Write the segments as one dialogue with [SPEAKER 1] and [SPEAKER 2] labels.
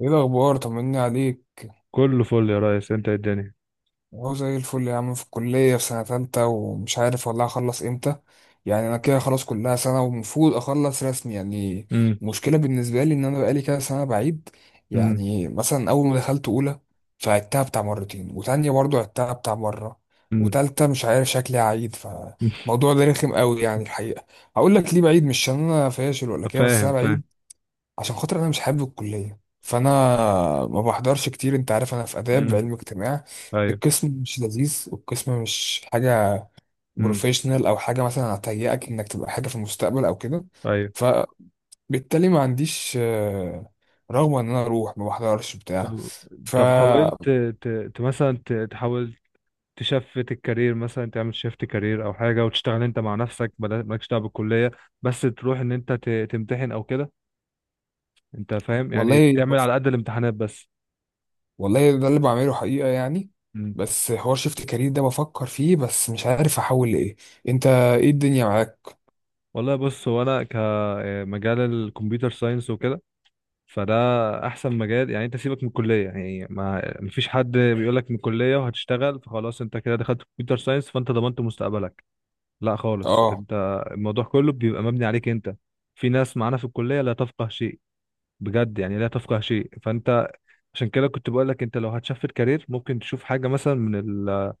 [SPEAKER 1] ايه الاخبار؟ طمني عليك.
[SPEAKER 2] كله فل يا ريس، انت إيه الدنيا؟
[SPEAKER 1] اهو زي الفل يا عم. في الكليه في سنه تالتة ومش عارف والله هخلص امتى. يعني انا كده خلاص كلها سنه ومفروض اخلص رسمي يعني.
[SPEAKER 2] امم
[SPEAKER 1] المشكله بالنسبه لي ان انا بقالي كده سنه بعيد.
[SPEAKER 2] امم
[SPEAKER 1] يعني مثلا اول ما دخلت اولى، فعدتها بتاع مرتين، وتانية برضو عدتها بتاع مره،
[SPEAKER 2] امم
[SPEAKER 1] وتالتة مش عارف شكلي هعيد. فالموضوع ده رخم قوي يعني الحقيقه. هقول لك ليه بعيد، مش عشان انا فاشل ولا كده، بس
[SPEAKER 2] فاهم
[SPEAKER 1] انا
[SPEAKER 2] فاهم.
[SPEAKER 1] بعيد عشان خاطر انا مش حابب الكليه. فانا ما بحضرش كتير. انت عارف انا في اداب
[SPEAKER 2] امم
[SPEAKER 1] علم اجتماع،
[SPEAKER 2] ايوه.
[SPEAKER 1] القسم مش لذيذ والقسم مش حاجه
[SPEAKER 2] امم
[SPEAKER 1] بروفيشنال او حاجه مثلا هتهيئك انك تبقى حاجه في المستقبل او كده.
[SPEAKER 2] ايوه.
[SPEAKER 1] فبالتالي ما عنديش رغبه ان انا اروح، ما بحضرش بتاع.
[SPEAKER 2] طب،
[SPEAKER 1] ف
[SPEAKER 2] طب حاولت ت... مثلا تحاول تشفت الكارير، مثلا تعمل شيفت كارير او حاجه وتشتغل انت مع نفسك، مالكش دعوه بالكليه، بس تروح ان انت تمتحن او كده. انت فاهم، يعني
[SPEAKER 1] والله،
[SPEAKER 2] تعمل على قد الامتحانات بس.
[SPEAKER 1] والله ده اللي بعمله حقيقه يعني.
[SPEAKER 2] أمم.
[SPEAKER 1] بس حوار شيفت كارير ده بفكر فيه، بس مش عارف احول لايه. انت ايه الدنيا معاك؟
[SPEAKER 2] والله بص، هو انا كمجال الكمبيوتر ساينس وكده، فده احسن مجال. يعني انت سيبك من الكليه، يعني ما مفيش حد بيقول لك من الكليه وهتشتغل، فخلاص انت كده دخلت كمبيوتر ساينس فانت ضمنت مستقبلك، لا خالص.
[SPEAKER 1] اه،
[SPEAKER 2] انت الموضوع كله بيبقى مبني عليك انت. في ناس معانا في الكليه لا تفقه شيء، بجد يعني لا تفقه شيء. فانت عشان كده كنت بقول لك انت لو هتشفت كارير ممكن تشوف حاجه مثلا من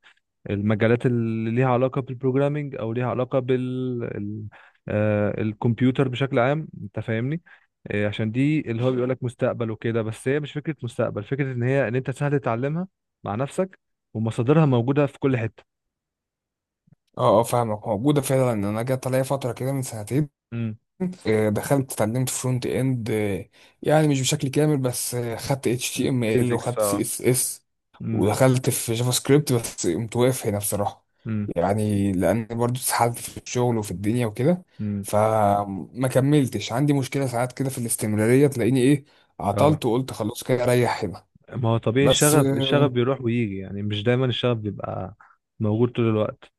[SPEAKER 2] المجالات اللي ليها علاقه بالبروجرامينج او ليها علاقه بال الكمبيوتر بشكل عام. انت فاهمني؟ عشان دي اللي هو بيقول لك مستقبل وكده، بس هي مش فكره مستقبل، فكره ان هي ان انت سهل تتعلمها مع نفسك، ومصادرها موجوده في كل حته.
[SPEAKER 1] اه، اه، فاهمك. موجودة فعلا. انا جت عليا فترة كده من سنتين،
[SPEAKER 2] امم
[SPEAKER 1] دخلت اتعلمت فرونت اند. يعني مش بشكل كامل بس، خدت HTML
[SPEAKER 2] البيزكس،
[SPEAKER 1] وخدت سي
[SPEAKER 2] اه.
[SPEAKER 1] اس اس
[SPEAKER 2] امم
[SPEAKER 1] ودخلت في جافا سكريبت، بس قمت واقف هنا بصراحة.
[SPEAKER 2] امم
[SPEAKER 1] يعني لان برضو اتسحلت في الشغل وفي الدنيا وكده.
[SPEAKER 2] امم
[SPEAKER 1] فما كملتش. عندي مشكلة ساعات كده في الاستمرارية، تلاقيني ايه
[SPEAKER 2] اه،
[SPEAKER 1] عطلت وقلت خلاص كده اريح هنا.
[SPEAKER 2] ما هو طبيعي،
[SPEAKER 1] بس
[SPEAKER 2] الشغف الشغف بيروح ويجي، يعني مش دايما الشغف بيبقى موجود طول الوقت.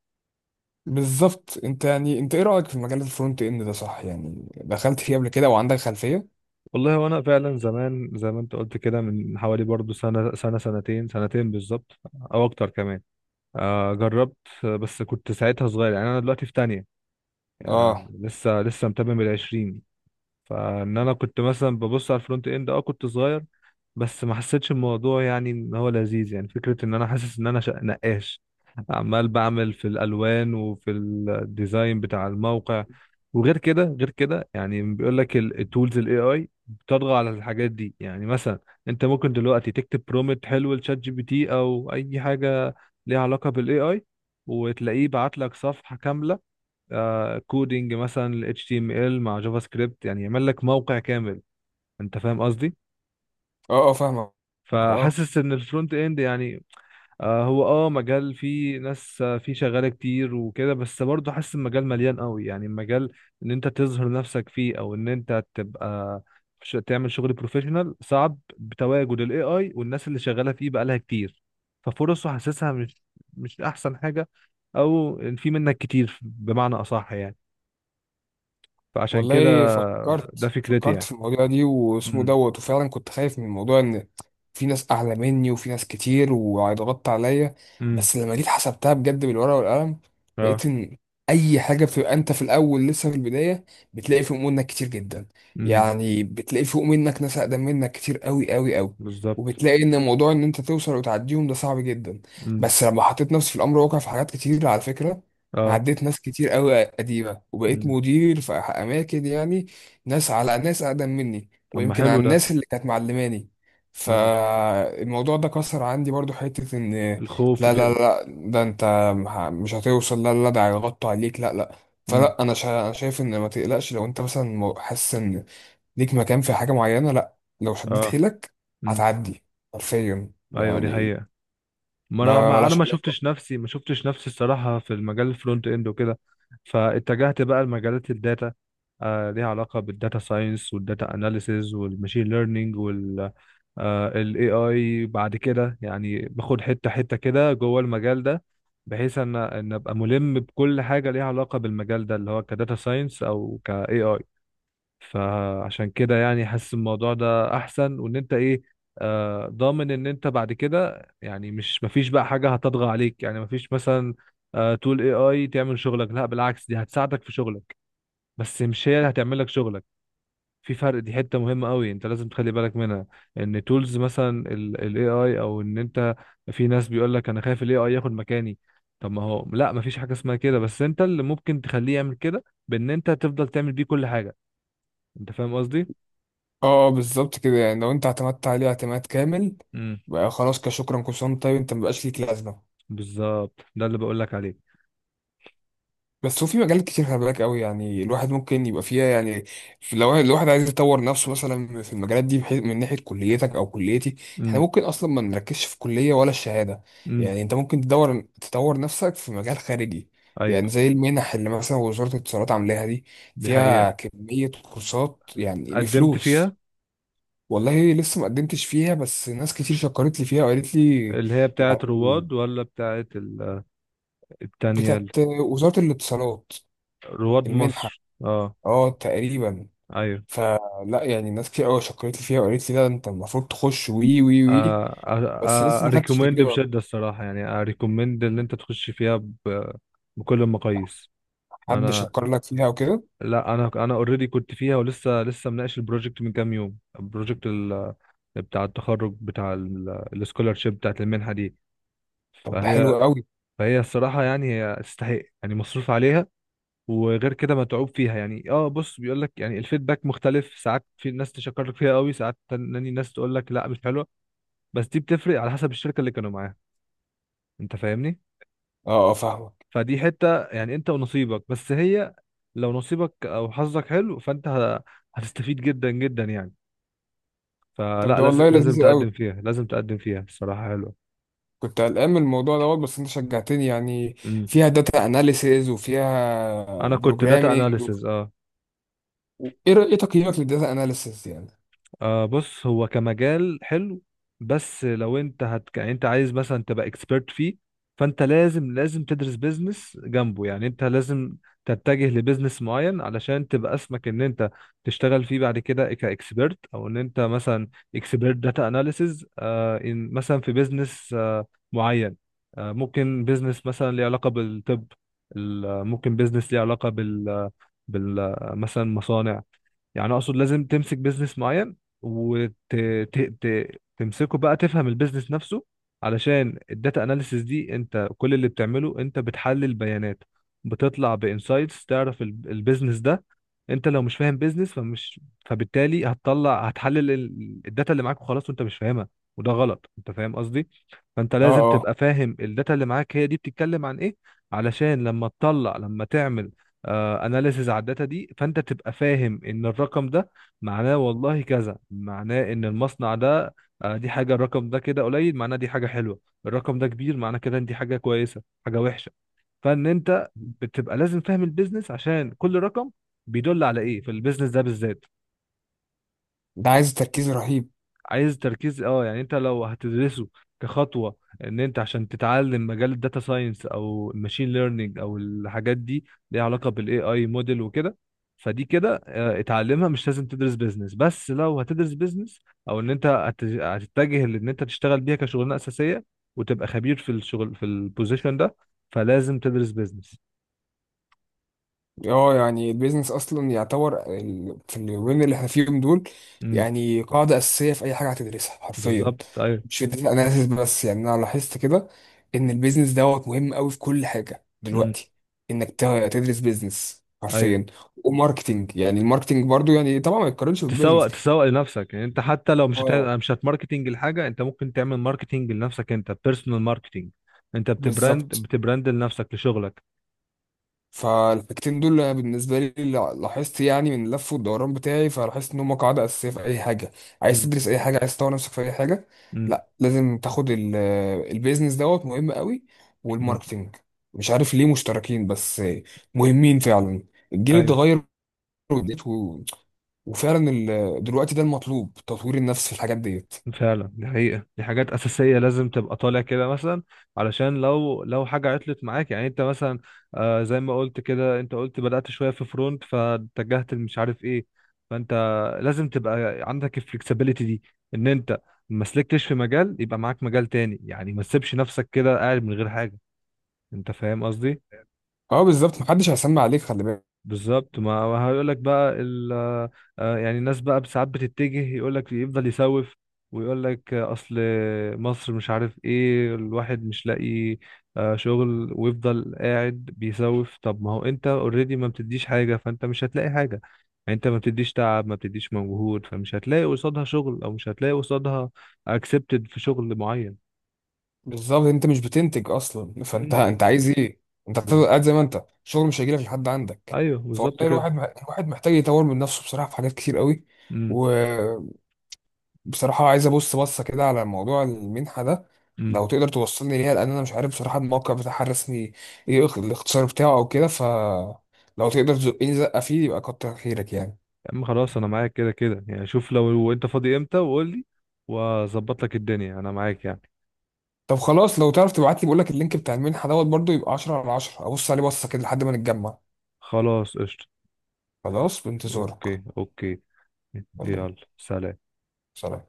[SPEAKER 1] بالظبط. انت يعني انت ايه رأيك في مجال الفرونت اند ده صح؟ يعني دخلت فيه قبل كده وعندك خلفية.
[SPEAKER 2] والله وانا فعلا زمان زي ما انت قلت كده، من حوالي برضو سنة سنة سنتين بالظبط، او اكتر كمان. آه جربت. بس كنت ساعتها صغير، يعني انا دلوقتي في تانية. آه
[SPEAKER 1] اه،
[SPEAKER 2] لسه متمم العشرين. فان انا كنت مثلا ببص على الفرونت اند، اه كنت صغير، بس ما حسيتش الموضوع يعني ان هو لذيذ. يعني فكرة ان انا حاسس ان انا نقاش، عمال بعمل في الالوان وفي الديزاين بتاع الموقع. وغير كده غير كده يعني بيقول لك التولز الاي اي بتطغى على الحاجات دي. يعني مثلا انت ممكن دلوقتي تكتب برومت حلو لشات جي بي تي او اي حاجة ليها علاقة بالاي اي، وتلاقيه بعت لك صفحة كاملة، آه كودينج مثلا HTML مع جافا سكريبت، يعني يعمل لك موقع كامل. انت فاهم قصدي؟
[SPEAKER 1] اه، اه، فاهمك. اه
[SPEAKER 2] فحاسس ان الفرونت اند، يعني آه هو اه مجال فيه ناس، آه فيه شغاله كتير وكده، بس برضه حاسس المجال مليان قوي. يعني المجال ان انت تظهر نفسك فيه او ان انت تبقى تعمل شغل بروفيشنال صعب بتواجد الاي اي والناس اللي شغاله فيه بقالها كتير. ففرصه حاسسها مش احسن حاجه، او في منك كتير بمعنى اصح يعني. فعشان كده،
[SPEAKER 1] والله
[SPEAKER 2] ده
[SPEAKER 1] فكرت
[SPEAKER 2] فكرتي
[SPEAKER 1] فكرت
[SPEAKER 2] يعني.
[SPEAKER 1] في الموضوع دي واسمه
[SPEAKER 2] امم
[SPEAKER 1] دوت، وفعلا كنت خايف من موضوع ان في ناس اعلى مني وفي ناس كتير وهيضغطوا عليا.
[SPEAKER 2] امم
[SPEAKER 1] بس لما جيت حسبتها بجد بالورقه والقلم،
[SPEAKER 2] اه.
[SPEAKER 1] لقيت ان اي حاجه بتبقى انت في الاول لسه في البدايه، بتلاقي فوق منك كتير جدا.
[SPEAKER 2] امم
[SPEAKER 1] يعني بتلاقي فوق منك ناس اقدم منك كتير قوي قوي قوي.
[SPEAKER 2] بالظبط.
[SPEAKER 1] وبتلاقي ان موضوع ان انت توصل وتعديهم ده صعب جدا.
[SPEAKER 2] امم
[SPEAKER 1] بس لما حطيت نفسي في الامر واقع في حاجات كتير على فكره،
[SPEAKER 2] اه.
[SPEAKER 1] عديت ناس كتير قوي قديمة وبقيت
[SPEAKER 2] امم
[SPEAKER 1] مدير في أماكن يعني، ناس على ناس أقدم مني
[SPEAKER 2] طب ما
[SPEAKER 1] ويمكن على
[SPEAKER 2] حلو ده.
[SPEAKER 1] الناس اللي كانت معلماني.
[SPEAKER 2] اه،
[SPEAKER 1] فالموضوع ده كسر عندي برضو حتة إن
[SPEAKER 2] الخوف
[SPEAKER 1] لا، لا،
[SPEAKER 2] وكده.
[SPEAKER 1] لا، ده أنت مش هتوصل. لا، لا، ده هيغطوا عليك. لا، لا.
[SPEAKER 2] امم
[SPEAKER 1] فلا، أنا شايف إن ما تقلقش لو أنت مثلا حاسس إن ليك مكان في حاجة معينة. لا، لو شديت
[SPEAKER 2] اه.
[SPEAKER 1] حيلك
[SPEAKER 2] امم
[SPEAKER 1] هتعدي حرفيا
[SPEAKER 2] ايوه دي
[SPEAKER 1] يعني.
[SPEAKER 2] حقيقة.
[SPEAKER 1] ملهاش
[SPEAKER 2] ما
[SPEAKER 1] علاقة.
[SPEAKER 2] شفتش نفسي ما شفتش نفسي الصراحه في المجال الفرونت اند وكده، فاتجهت بقى لمجالات الداتا. آه ليها علاقه بالداتا ساينس والداتا اناليسيز والماشين ليرنينج وال الاي اي بعد كده، يعني باخد حته حته كده جوه المجال ده، بحيث ان ابقى ملم بكل حاجه ليها علاقه بالمجال ده اللي هو كداتا ساينس او كاي اي. فعشان كده يعني حاسس الموضوع ده احسن، وان انت ايه، آه ضامن ان انت بعد كده. يعني مش مفيش بقى حاجه هتطغى عليك، يعني مفيش مثلا آه تول اي اي تعمل شغلك، لا بالعكس دي هتساعدك في شغلك، بس مش هي اللي هتعمل لك شغلك. في فرق، دي حته مهمه قوي انت لازم تخلي بالك منها، ان تولز مثلا الاي اي او ان انت، في ناس بيقول لك انا خايف الاي اي ياخد مكاني، طب ما هو لا مفيش حاجه اسمها كده، بس انت اللي ممكن تخليه يعمل كده بان انت تفضل تعمل بيه كل حاجه. انت فاهم قصدي؟
[SPEAKER 1] اه بالظبط كده. يعني لو انت اعتمدت عليه اعتماد كامل بقى خلاص، كشكرا كل سنه وأنت طيب، انت مبقاش ليك لازمه.
[SPEAKER 2] بالظبط، ده اللي بقول لك عليه.
[SPEAKER 1] بس هو في مجالات كتير، خلي بالك قوي يعني الواحد ممكن يبقى فيها يعني. لو الواحد عايز يطور نفسه مثلا في المجالات دي، بحيث من ناحيه كليتك او كليتي، احنا
[SPEAKER 2] امم
[SPEAKER 1] ممكن اصلا ما نركزش في كليه ولا الشهاده.
[SPEAKER 2] امم
[SPEAKER 1] يعني انت ممكن تدور تطور نفسك في مجال خارجي،
[SPEAKER 2] ايوه
[SPEAKER 1] يعني زي المنح اللي مثلا وزاره الاتصالات عاملاها دي،
[SPEAKER 2] دي حقيقة.
[SPEAKER 1] فيها كميه كورسات يعني
[SPEAKER 2] قدمت
[SPEAKER 1] بفلوس.
[SPEAKER 2] فيها؟
[SPEAKER 1] والله لسه ما قدمتش فيها، بس ناس كتير شكرت لي فيها وقالت لي.
[SPEAKER 2] اللي هي بتاعة
[SPEAKER 1] يعني
[SPEAKER 2] رواد ولا بتاعة التانية
[SPEAKER 1] بتاعت وزارة الاتصالات،
[SPEAKER 2] رواد
[SPEAKER 1] المنحة.
[SPEAKER 2] مصر، اه؟
[SPEAKER 1] اه تقريبا.
[SPEAKER 2] ايوه
[SPEAKER 1] فلا يعني ناس كتير قوي شكرت لي فيها وقالت لي لا انت المفروض تخش، وي وي وي. بس لسه ما خدتش
[SPEAKER 2] اريكومند
[SPEAKER 1] تجربة.
[SPEAKER 2] بشدة الصراحة. يعني اريكومند ان انت تخش فيها بكل المقاييس.
[SPEAKER 1] حد
[SPEAKER 2] انا،
[SPEAKER 1] شكر لك فيها وكده؟
[SPEAKER 2] لا انا، انا اوريدي كنت فيها، ولسه لسه مناقش البروجكت من كام يوم، البروجكت بتاع التخرج بتاع السكولارشيب بتاعة المنحة دي.
[SPEAKER 1] طب ده
[SPEAKER 2] فهي
[SPEAKER 1] حلو قوي.
[SPEAKER 2] فهي الصراحة يعني هي تستحق، يعني مصروف عليها وغير كده متعوب فيها يعني. اه بص، بيقول لك يعني الفيدباك مختلف، ساعات في ناس تشكر لك فيها قوي، ساعات تاني ناس تقول لك لا مش حلوة، بس دي بتفرق على حسب الشركة اللي كانوا معاها. انت فاهمني؟
[SPEAKER 1] اه، اه، فاهمك.
[SPEAKER 2] فدي حتة يعني انت ونصيبك، بس هي لو نصيبك او حظك حلو فانت هتستفيد جدا جدا يعني.
[SPEAKER 1] طب
[SPEAKER 2] فلا
[SPEAKER 1] ده
[SPEAKER 2] لازم
[SPEAKER 1] والله
[SPEAKER 2] لازم
[SPEAKER 1] لذيذ قوي.
[SPEAKER 2] تقدم فيها، لازم تقدم فيها، الصراحة حلوة.
[SPEAKER 1] كنت قلقان من الموضوع دوت بس انت شجعتني يعني.
[SPEAKER 2] امم
[SPEAKER 1] فيها داتا اناليسيز وفيها
[SPEAKER 2] انا كنت داتا
[SPEAKER 1] بروجرامينج
[SPEAKER 2] اناليسز.
[SPEAKER 1] ايه إيه تقييمك للداتا اناليسيز يعني؟
[SPEAKER 2] آه بص، هو كمجال حلو، بس لو انت يعني انت عايز مثلا تبقى اكسبيرت فيه فانت لازم تدرس بيزنس جنبه. يعني انت لازم تتجه لبيزنس معين علشان تبقى اسمك ان انت تشتغل فيه بعد كده كاكسبيرت، او ان انت مثلا اكسبيرت داتا اناليسز آه ان مثلا في بيزنس آه معين. آه ممكن بيزنس مثلا ليه علاقة بالطب، ممكن بيزنس ليه علاقة بال مثلا مصانع. يعني اقصد لازم تمسك بيزنس معين وتمسكه بقى، تفهم البيزنس نفسه. علشان الداتا اناليسيس دي انت كل اللي بتعمله انت بتحلل بيانات، بتطلع بانسايتس تعرف البيزنس ده. انت لو مش فاهم بيزنس فمش، فبالتالي هتطلع هتحلل الداتا اللي معاك وخلاص وانت مش فاهمها، وده غلط. انت فاهم قصدي؟ فانت
[SPEAKER 1] اه،
[SPEAKER 2] لازم
[SPEAKER 1] آه.
[SPEAKER 2] تبقى فاهم الداتا اللي معاك هي دي بتتكلم عن ايه، علشان لما تطلع، لما تعمل اناليسز على الداتا دي فانت تبقى فاهم ان الرقم ده معناه والله كذا، معناه ان المصنع ده دي حاجه، الرقم ده كده قليل معناه دي حاجه حلوه، الرقم ده كبير معناه كده ان دي حاجه كويسه، حاجه وحشه. فان انت بتبقى لازم فاهم البيزنس عشان كل رقم بيدل على ايه في البيزنس ده بالذات.
[SPEAKER 1] ده عايز تركيز رهيب.
[SPEAKER 2] عايز تركيز اه، يعني انت لو هتدرسه كخطوه ان انت عشان تتعلم مجال الداتا ساينس او الماشين ليرنينج او الحاجات دي ليها علاقه بالاي اي موديل وكده، فدي كده اتعلمها مش لازم تدرس بيزنس. بس لو هتدرس بيزنس، او ان انت هتتجه لان انت تشتغل بيها كشغلانه اساسيه وتبقى خبير في الشغل في البوزيشن ده، فلازم تدرس بيزنس.
[SPEAKER 1] اه، يعني البيزنس اصلا يعتبر في اليومين اللي احنا فيهم دول،
[SPEAKER 2] امم
[SPEAKER 1] يعني قاعده اساسيه في اي حاجه هتدرسها حرفيا.
[SPEAKER 2] بالظبط ايوه.
[SPEAKER 1] مش في data analysis بس، يعني انا لاحظت كده ان البيزنس دوت مهم قوي في كل حاجه
[SPEAKER 2] امم
[SPEAKER 1] دلوقتي. انك تدرس بيزنس
[SPEAKER 2] ايوه،
[SPEAKER 1] حرفيا. وماركتنج، يعني الماركتنج برضو، يعني طبعا ما يتقارنش بالبيزنس.
[SPEAKER 2] تسوق، تسوق لنفسك. يعني انت حتى لو مش
[SPEAKER 1] اه
[SPEAKER 2] مش هتماركتنج الحاجه، انت ممكن تعمل ماركتنج لنفسك، انت بيرسونال ماركتنج. انت بتبراند
[SPEAKER 1] بالظبط.
[SPEAKER 2] بتبراند لنفسك لشغلك.
[SPEAKER 1] فالحاجتين دول بالنسبة لي لاحظت يعني من اللف والدوران بتاعي، فلاحظت إن هما قاعدة أساسية في أي حاجة. عايز
[SPEAKER 2] امم
[SPEAKER 1] تدرس أي حاجة، عايز تطور نفسك في أي حاجة،
[SPEAKER 2] امم
[SPEAKER 1] لا لازم تاخد البيزنس دوت مهم قوي،
[SPEAKER 2] امم
[SPEAKER 1] والماركتينج. مش عارف ليه مشتركين بس مهمين فعلا. الجيل
[SPEAKER 2] ايوه
[SPEAKER 1] اتغير، وديت وفعلا دلوقتي ده المطلوب تطوير النفس في الحاجات ديت.
[SPEAKER 2] فعلا دي حقيقة، دي حاجات أساسية لازم تبقى طالع كده مثلا، علشان لو لو حاجة عطلت معاك، يعني أنت مثلا زي ما قلت كده، أنت قلت بدأت شوية في فرونت فاتجهت مش عارف إيه، فأنت لازم تبقى عندك الفلكسبيليتي دي، إن أنت ما سلكتش في مجال يبقى معاك مجال تاني، يعني ما تسيبش نفسك كده قاعد من غير حاجة. أنت فاهم قصدي؟
[SPEAKER 1] اه بالظبط، محدش هيسمع عليك خلي بالك.
[SPEAKER 2] بالظبط، ما هو هيقول لك بقى يعني الناس بقى ساعات بتتجه يقول لك يفضل يسوف، ويقول لك اصل مصر مش عارف ايه، الواحد مش لاقي شغل، ويفضل قاعد بيسوف، طب ما هو انت اوريدي ما بتديش حاجة فانت مش هتلاقي حاجة. يعني انت ما بتديش تعب، ما بتديش مجهود، فمش هتلاقي قصادها شغل، او مش هتلاقي قصادها اكسبتد في شغل معين.
[SPEAKER 1] بالظبط. انت مش بتنتج اصلا، فانت
[SPEAKER 2] مم.
[SPEAKER 1] انت عايز ايه؟ انت هتفضل
[SPEAKER 2] بز...
[SPEAKER 1] قاعد زي ما انت، شغل مش هيجيلك لحد عندك.
[SPEAKER 2] ايوه
[SPEAKER 1] فوالله
[SPEAKER 2] بالظبط كده.
[SPEAKER 1] الواحد، محتاج يطور من نفسه بصراحه في حاجات كتير قوي.
[SPEAKER 2] مم.
[SPEAKER 1] وبصراحه عايز ابص بصه كده على موضوع المنحه ده.
[SPEAKER 2] مم.
[SPEAKER 1] لو تقدر توصلني ليها، لان انا مش عارف بصراحه الموقع بتاعها الرسمي. ايه الاختصار بتاعه او كده؟ لو تقدر تزقني زقه فيه يبقى كتر خيرك يعني.
[SPEAKER 2] يا عم خلاص انا معاك كده كده يعني. شوف لو لو انت فاضي امتى وقول لي، واظبط لك الدنيا، انا معاك يعني.
[SPEAKER 1] طب خلاص، لو تعرف تبعت لي بقول لك اللينك بتاع المنحه دوت برضو يبقى 10 على 10، ابص عليه بصه كده لحد ما نتجمع.
[SPEAKER 2] خلاص قشطة.
[SPEAKER 1] خلاص بانتظارك.
[SPEAKER 2] اوكي.
[SPEAKER 1] يلا بينا.
[SPEAKER 2] يلا سلام.
[SPEAKER 1] سلام.